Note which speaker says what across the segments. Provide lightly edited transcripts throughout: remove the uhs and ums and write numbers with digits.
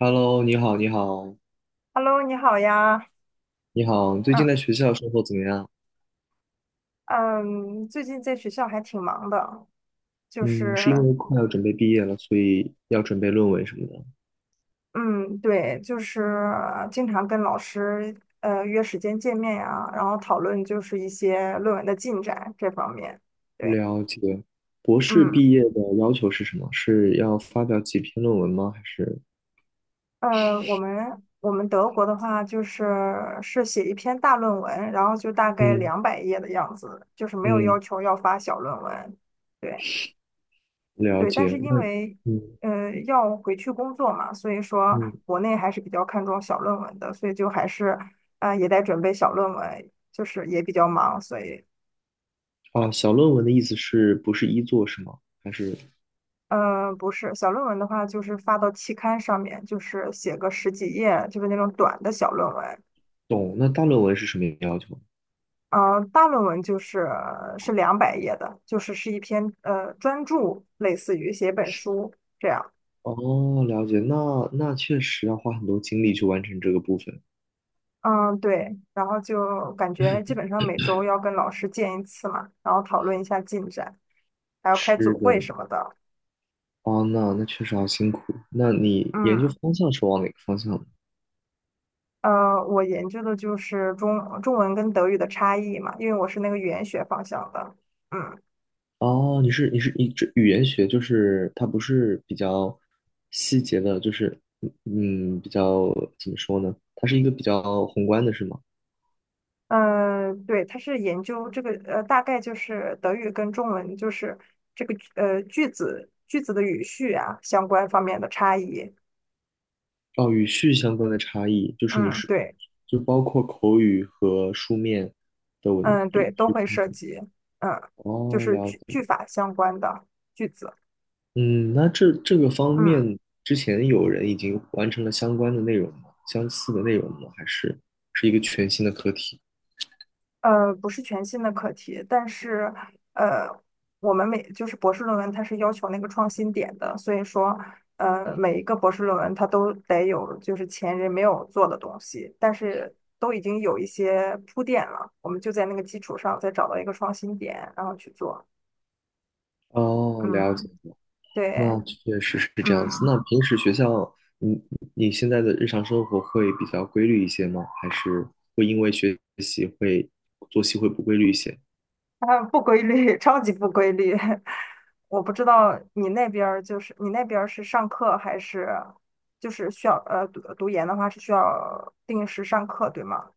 Speaker 1: Hello，你好，你好，
Speaker 2: Hello，你好呀。
Speaker 1: 你好，最
Speaker 2: 嗯
Speaker 1: 近在学校生活怎么样？
Speaker 2: 嗯，最近在学校还挺忙的。就
Speaker 1: 嗯，是因
Speaker 2: 是
Speaker 1: 为快要准备毕业了，所以要准备论文什么的。
Speaker 2: 嗯，对，就是经常跟老师约时间见面呀，然后讨论就是一些论文的进展这方面。对。
Speaker 1: 了解。博士
Speaker 2: 嗯
Speaker 1: 毕业的要求是什么？是要发表几篇论文吗？还是？
Speaker 2: 我们德国的话是写一篇大论文，然后就大概
Speaker 1: 嗯
Speaker 2: 两百页的样子，就是没有要
Speaker 1: 嗯，
Speaker 2: 求要发小论文。对。
Speaker 1: 了
Speaker 2: 对，但
Speaker 1: 解。
Speaker 2: 是因
Speaker 1: 那
Speaker 2: 为
Speaker 1: 嗯
Speaker 2: 要回去工作嘛，所以说
Speaker 1: 嗯
Speaker 2: 国内还是比较看重小论文的，所以就还是也在准备小论文，就是也比较忙，所以
Speaker 1: 小论文的意思是不是一作是吗？还是
Speaker 2: 嗯，不是小论文的话，就是发到期刊上面，就是写个十几页，就是那种短的小论文。
Speaker 1: 懂？那大论文是什么要求？
Speaker 2: 大论文是两百页的，是一篇专著，类似于写一本书这样。
Speaker 1: 哦，了解。那确实要花很多精力去完成这个部分。
Speaker 2: 嗯，对，然后就感觉基本上每周要跟老师见一次嘛，然后讨论一下进展，还要开
Speaker 1: 是
Speaker 2: 组
Speaker 1: 的，
Speaker 2: 会什么的。
Speaker 1: 哦，那确实好辛苦。那你研究
Speaker 2: 嗯，
Speaker 1: 方向是往哪个方向呢？
Speaker 2: 我研究的就是中文跟德语的差异嘛，因为我是那个语言学方向的。嗯
Speaker 1: 哦，你这语言学就是它不是比较细节的，就是比较怎么说呢？它是一个比较宏观的，是吗？
Speaker 2: 嗯，对，它是研究这个大概就是德语跟中文就是这个句子的语序啊相关方面的差异。
Speaker 1: 哦，语序相关的差异，就是
Speaker 2: 嗯，对。
Speaker 1: 就包括口语和书面的文
Speaker 2: 嗯，
Speaker 1: 语
Speaker 2: 对，都
Speaker 1: 序。
Speaker 2: 会涉及，嗯，就
Speaker 1: 哦，
Speaker 2: 是
Speaker 1: 了
Speaker 2: 句句
Speaker 1: 解。
Speaker 2: 法相关的句子，
Speaker 1: 嗯，那这个方
Speaker 2: 嗯，
Speaker 1: 面之前有人已经完成了相关的内容吗？相似的内容吗？还是是一个全新的课题？
Speaker 2: 不是全新的课题，但是，呃，我们就是博士论文，它是要求那个创新点的，所以说，每一个博士论文它都得有就是前人没有做的东西，但是都已经有一些铺垫了，我们就在那个基础上再找到一个创新点，然后去做，
Speaker 1: 哦，了解
Speaker 2: 嗯，
Speaker 1: 了，
Speaker 2: 对，
Speaker 1: 那确实是这样子。
Speaker 2: 嗯。
Speaker 1: 那平时学校，你你现在的日常生活会比较规律一些吗？还是会因为学习会作息会不规律一些？
Speaker 2: 啊，不规律，超级不规律。我不知道你那边儿是上课还是就是需要读研的话是需要定时上课，对吗？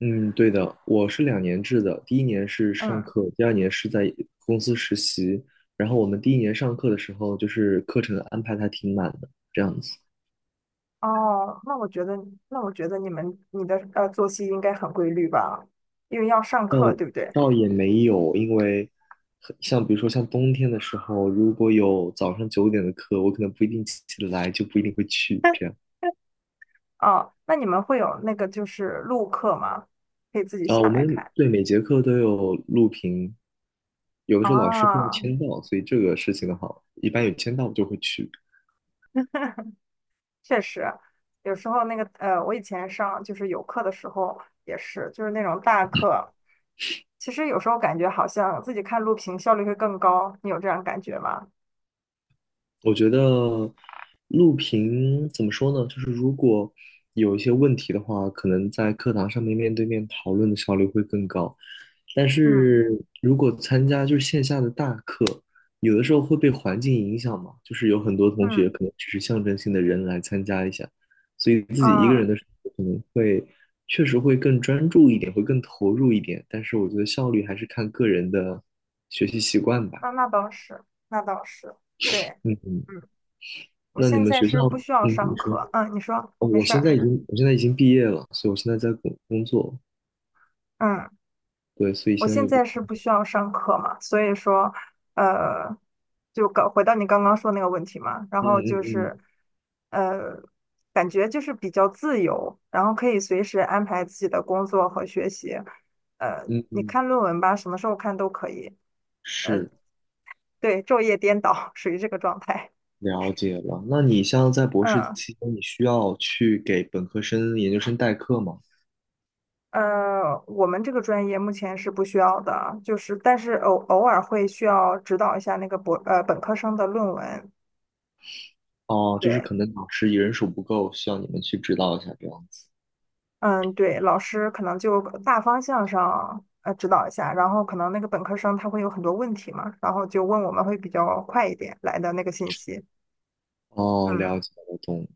Speaker 1: 嗯，对的，我是2年制的，第一年是上
Speaker 2: 嗯，
Speaker 1: 课，第2年是在公司实习。然后我们第一年上课的时候，就是课程安排的还挺满的，这样子
Speaker 2: 哦，那我觉得你的作息应该很规律吧，因为要上课，对不对？
Speaker 1: 倒也没有，因为像比如说像冬天的时候，如果有早上9点的课，我可能不一定起得来，就不一定会去这样。
Speaker 2: 哦，那你们会有那个就是录课吗？可以自己
Speaker 1: 啊、
Speaker 2: 下
Speaker 1: 我
Speaker 2: 来
Speaker 1: 们
Speaker 2: 看
Speaker 1: 对每节课都有录屏，有的时候老师会要
Speaker 2: 啊。哦，
Speaker 1: 签到，所以这个事情的话，一般有签到我就会去。
Speaker 2: 确实，有时候那个我以前上就是有课的时候也是，就是那种大课，其实有时候感觉好像自己看录屏效率会更高，你有这样感觉吗？
Speaker 1: 我觉得录屏怎么说呢？就是如果有一些问题的话，可能在课堂上面面对面讨论的效率会更高。但
Speaker 2: 嗯
Speaker 1: 是如果参加就是线下的大课，有的时候会被环境影响嘛，就是有很多同学
Speaker 2: 嗯
Speaker 1: 可能只是象征性的人来参加一下，所以自己一个人
Speaker 2: 嗯，
Speaker 1: 的时候可能会确实会更专注一点，会更投入一点。但是我觉得效率还是看个人的学习习惯吧。
Speaker 2: 那倒是，那倒是，对，
Speaker 1: 嗯，
Speaker 2: 嗯，我
Speaker 1: 那你
Speaker 2: 现
Speaker 1: 们
Speaker 2: 在
Speaker 1: 学校，
Speaker 2: 是不需要
Speaker 1: 嗯，
Speaker 2: 上
Speaker 1: 你说。
Speaker 2: 课，嗯，你说
Speaker 1: 哦，
Speaker 2: 没事儿，
Speaker 1: 我现在已经毕业了，所以我现在在工作，
Speaker 2: 嗯。
Speaker 1: 对，所以
Speaker 2: 我
Speaker 1: 现在
Speaker 2: 现
Speaker 1: 就不，
Speaker 2: 在是不需要上课嘛，所以说，呃，就搞回到你刚刚说那个问题嘛，然
Speaker 1: 嗯
Speaker 2: 后就
Speaker 1: 嗯
Speaker 2: 是，呃，感觉就是比较自由，然后可以随时安排自己的工作和学习，呃，
Speaker 1: 嗯嗯
Speaker 2: 你
Speaker 1: 嗯，
Speaker 2: 看论文吧，什么时候看都可以，
Speaker 1: 是
Speaker 2: 对，昼夜颠倒，属于这个状态。
Speaker 1: 了解了。那你像在博士
Speaker 2: 嗯，
Speaker 1: 期间，你需要去给本科生、研究生代课吗？
Speaker 2: 我们这个专业目前是不需要的，就是但是偶尔会需要指导一下那个本科生的论文。
Speaker 1: 哦，就是
Speaker 2: 对。
Speaker 1: 可能老师人手不够，需要你们去指导一下这样子。
Speaker 2: 嗯，对，老师可能就大方向上指导一下，然后可能那个本科生他会有很多问题嘛，然后就问我们会比较快一点来的那个信息。
Speaker 1: 哦，了
Speaker 2: 嗯
Speaker 1: 解了，懂了。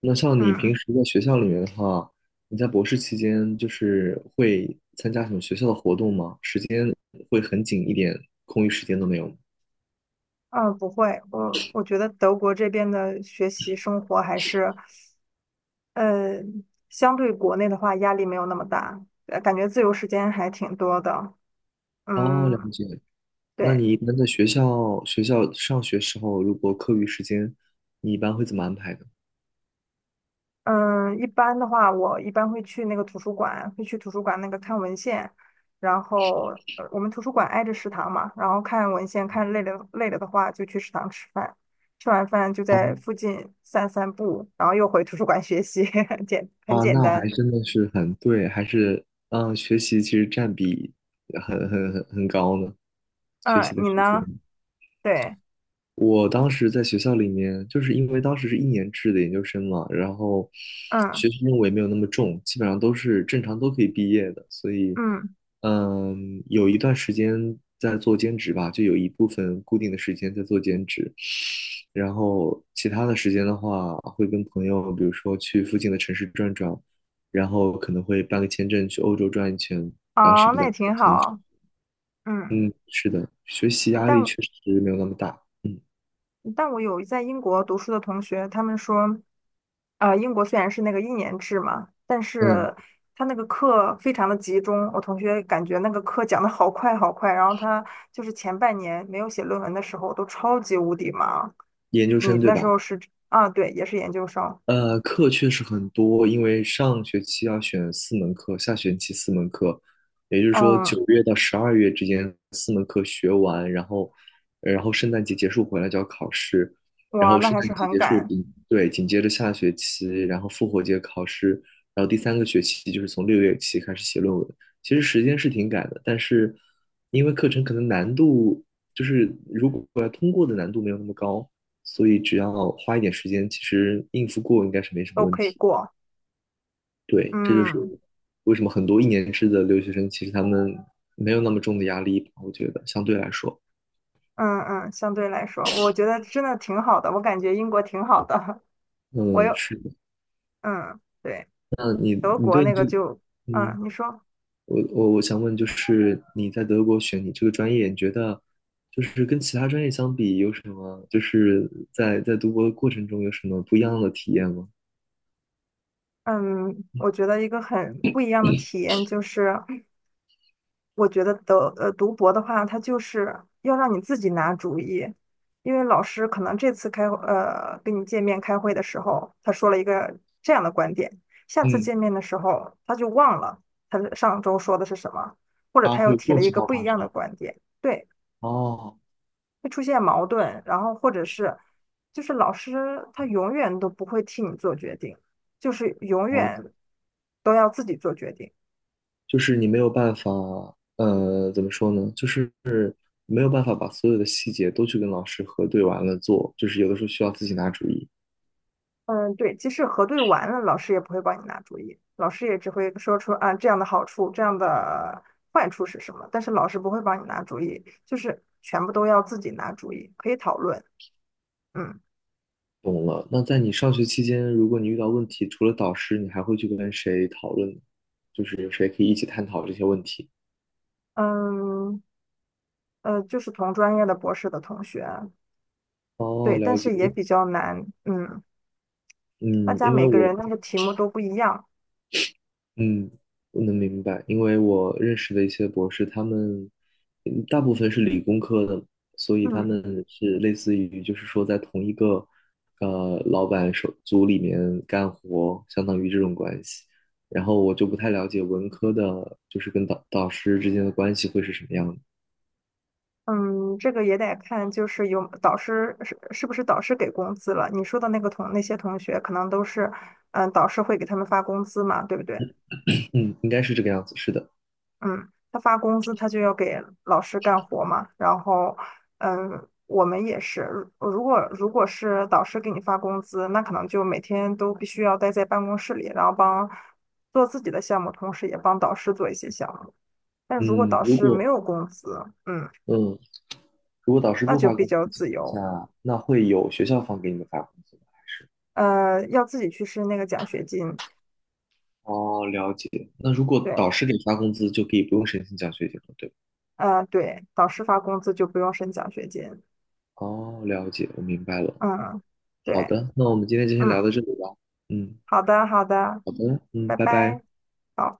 Speaker 1: 那像你平
Speaker 2: 嗯
Speaker 1: 时在学校里面的话，你在博士期间就是会参加什么学校的活动吗？时间会很紧一点，空余时间都没有吗？
Speaker 2: 嗯，不会，我觉得德国这边的学习生活还是，呃，相对国内的话压力没有那么大，感觉自由时间还挺多的。
Speaker 1: 哦，了
Speaker 2: 嗯，
Speaker 1: 解。那
Speaker 2: 对。
Speaker 1: 你一般在学校上学时候，如果课余时间，你一般会怎么安排的？
Speaker 2: 嗯，一般的话，我一般会去那个图书馆，会去图书馆那个看文献，然后我们图书馆挨着食堂嘛，然后看文献，看累了的话就去食堂吃饭，吃完饭就
Speaker 1: 哦
Speaker 2: 在附近散散步，然后又回图书馆学习，很
Speaker 1: 啊，
Speaker 2: 简
Speaker 1: 那还
Speaker 2: 单。
Speaker 1: 真的是很对，还是学习其实占比很高呢，学
Speaker 2: 嗯，
Speaker 1: 习的
Speaker 2: 你
Speaker 1: 时间。
Speaker 2: 呢？对，
Speaker 1: 我当时在学校里面，就是因为当时是一年制的研究生嘛，然后
Speaker 2: 嗯
Speaker 1: 学习任务也没有那么重，基本上都是正常都可以毕业的，所以，
Speaker 2: 嗯，
Speaker 1: 有一段时间在做兼职吧，就有一部分固定的时间在做兼职，然后其他的时间的话，会跟朋友，比如说去附近的城市转转，然后可能会办个签证去欧洲转一圈，当时
Speaker 2: 哦，
Speaker 1: 比
Speaker 2: 那
Speaker 1: 较
Speaker 2: 也挺
Speaker 1: 流行。
Speaker 2: 好。嗯，
Speaker 1: 嗯，是的，学习压力
Speaker 2: 但
Speaker 1: 确实没有那么大，嗯。
Speaker 2: 但我有在英国读书的同学，他们说，啊，英国虽然是那个一年制嘛，但
Speaker 1: 嗯
Speaker 2: 是他那个课非常的集中。我同学感觉那个课讲的好快好快，然后他就是前半年没有写论文的时候都超级无敌忙。
Speaker 1: 研究
Speaker 2: 你
Speaker 1: 生对
Speaker 2: 那时
Speaker 1: 吧？
Speaker 2: 候是啊，对，也是研究生，
Speaker 1: 课确实很多，因为上学期要选四门课，下学期四门课，也就是说
Speaker 2: 嗯，
Speaker 1: 9月到12月之间四门课学完，然后，然后圣诞节结束回来就要考试，然
Speaker 2: 哇，
Speaker 1: 后
Speaker 2: 那
Speaker 1: 圣
Speaker 2: 还
Speaker 1: 诞
Speaker 2: 是
Speaker 1: 节
Speaker 2: 很
Speaker 1: 结束
Speaker 2: 赶，
Speaker 1: 紧，对，紧接着下学期，然后复活节考试，然后第3个学期就是从6月起开始写论文。其实时间是挺赶的，但是因为课程可能难度就是如果要通过的难度没有那么高。所以只要花一点时间，其实应付过应该是没什么
Speaker 2: 都
Speaker 1: 问
Speaker 2: 可以
Speaker 1: 题。
Speaker 2: 过，
Speaker 1: 对，这就是
Speaker 2: 嗯
Speaker 1: 为什么很多一年制的留学生，其实他们没有那么重的压力吧，我觉得相对来说，
Speaker 2: 嗯嗯，相对来说，我觉得真的挺好的，我感觉英国挺好的，我
Speaker 1: 嗯，
Speaker 2: 有，
Speaker 1: 是的。
Speaker 2: 嗯。对。
Speaker 1: 那你
Speaker 2: 德
Speaker 1: 你
Speaker 2: 国
Speaker 1: 对
Speaker 2: 那
Speaker 1: 你
Speaker 2: 个
Speaker 1: 这个，
Speaker 2: 就，
Speaker 1: 嗯，
Speaker 2: 嗯，你说，
Speaker 1: 我想问，就是你在德国选你这个专业，你觉得就是跟其他专业相比，有什么就是在读博的过程中有什么不一样的体验吗？
Speaker 2: 嗯，我觉得一个很不一样的体验就是，我觉得读博的话，它就是要让你自己拿主意，因为老师可能这次跟你见面开会的时候，他说了一个这样的观点，下次
Speaker 1: 嗯，
Speaker 2: 见面的时候他就忘了他上周说的是什么，或者
Speaker 1: 啊，
Speaker 2: 他
Speaker 1: 会
Speaker 2: 又
Speaker 1: 有这
Speaker 2: 提
Speaker 1: 种
Speaker 2: 了一
Speaker 1: 情
Speaker 2: 个
Speaker 1: 况
Speaker 2: 不一
Speaker 1: 发
Speaker 2: 样的
Speaker 1: 生。
Speaker 2: 观点。对。
Speaker 1: 哦，
Speaker 2: 会出现矛盾，然后或者是就是老师他永远都不会替你做决定，就是永
Speaker 1: 哦，
Speaker 2: 远都要自己做决定。
Speaker 1: 就是你没有办法，怎么说呢？就是没有办法把所有的细节都去跟老师核对完了做，就是有的时候需要自己拿主意。
Speaker 2: 嗯，对，即使核对完了，老师也不会帮你拿主意，老师也只会说出啊这样的好处，这样的坏处是什么，但是老师不会帮你拿主意，就是全部都要自己拿主意，可以讨论。嗯
Speaker 1: 懂了。那在你上学期间，如果你遇到问题，除了导师，你还会去跟谁讨论呢？就是谁可以一起探讨这些问题？
Speaker 2: 嗯，就是同专业的博士的同学，
Speaker 1: 哦，
Speaker 2: 对，但
Speaker 1: 了解。
Speaker 2: 是也比较难。嗯，大
Speaker 1: 嗯，
Speaker 2: 家
Speaker 1: 因为
Speaker 2: 每个
Speaker 1: 我
Speaker 2: 人那个题目都不一样。
Speaker 1: 嗯，我能明白，因为我认识的一些博士，他们大部分是理工科的，所以他
Speaker 2: 嗯
Speaker 1: 们是类似于就是说在同一个老板手组里面干活，相当于这种关系。然后我就不太了解文科的，就是跟导师之间的关系会是什么样的。
Speaker 2: 嗯，这个也得看，就是有导师是不是导师给工资了？你说的那个同那些同学，可能都是，嗯，导师会给他们发工资嘛，对不对？
Speaker 1: 嗯，应该是这个样子，是的。
Speaker 2: 嗯，他发工资，他就要给老师干活嘛。然后，嗯，我们也是，如果是导师给你发工资，那可能就每天都必须要待在办公室里，然后帮做自己的项目，同时也帮导师做一些项目。但如果
Speaker 1: 嗯，
Speaker 2: 导师没有工资，嗯，
Speaker 1: 嗯如果导师
Speaker 2: 那
Speaker 1: 不
Speaker 2: 就
Speaker 1: 发
Speaker 2: 比
Speaker 1: 工资
Speaker 2: 较
Speaker 1: 的情
Speaker 2: 自由。
Speaker 1: 况下，那会有学校方给你们发工资吗？还是？
Speaker 2: 呃，要自己去申那个奖学金。
Speaker 1: 哦，了解。那如果
Speaker 2: 对，
Speaker 1: 导师给发工资，就可以不用申请奖学金了，对吧？
Speaker 2: 呃，对，导师发工资就不用申奖学金。
Speaker 1: 哦，了解，我明白了。
Speaker 2: 嗯，
Speaker 1: 好
Speaker 2: 对，
Speaker 1: 的，那我们今天就先
Speaker 2: 嗯，
Speaker 1: 聊到这里吧。嗯，
Speaker 2: 好的，好的，
Speaker 1: 好的，嗯，
Speaker 2: 拜
Speaker 1: 拜拜。
Speaker 2: 拜。好。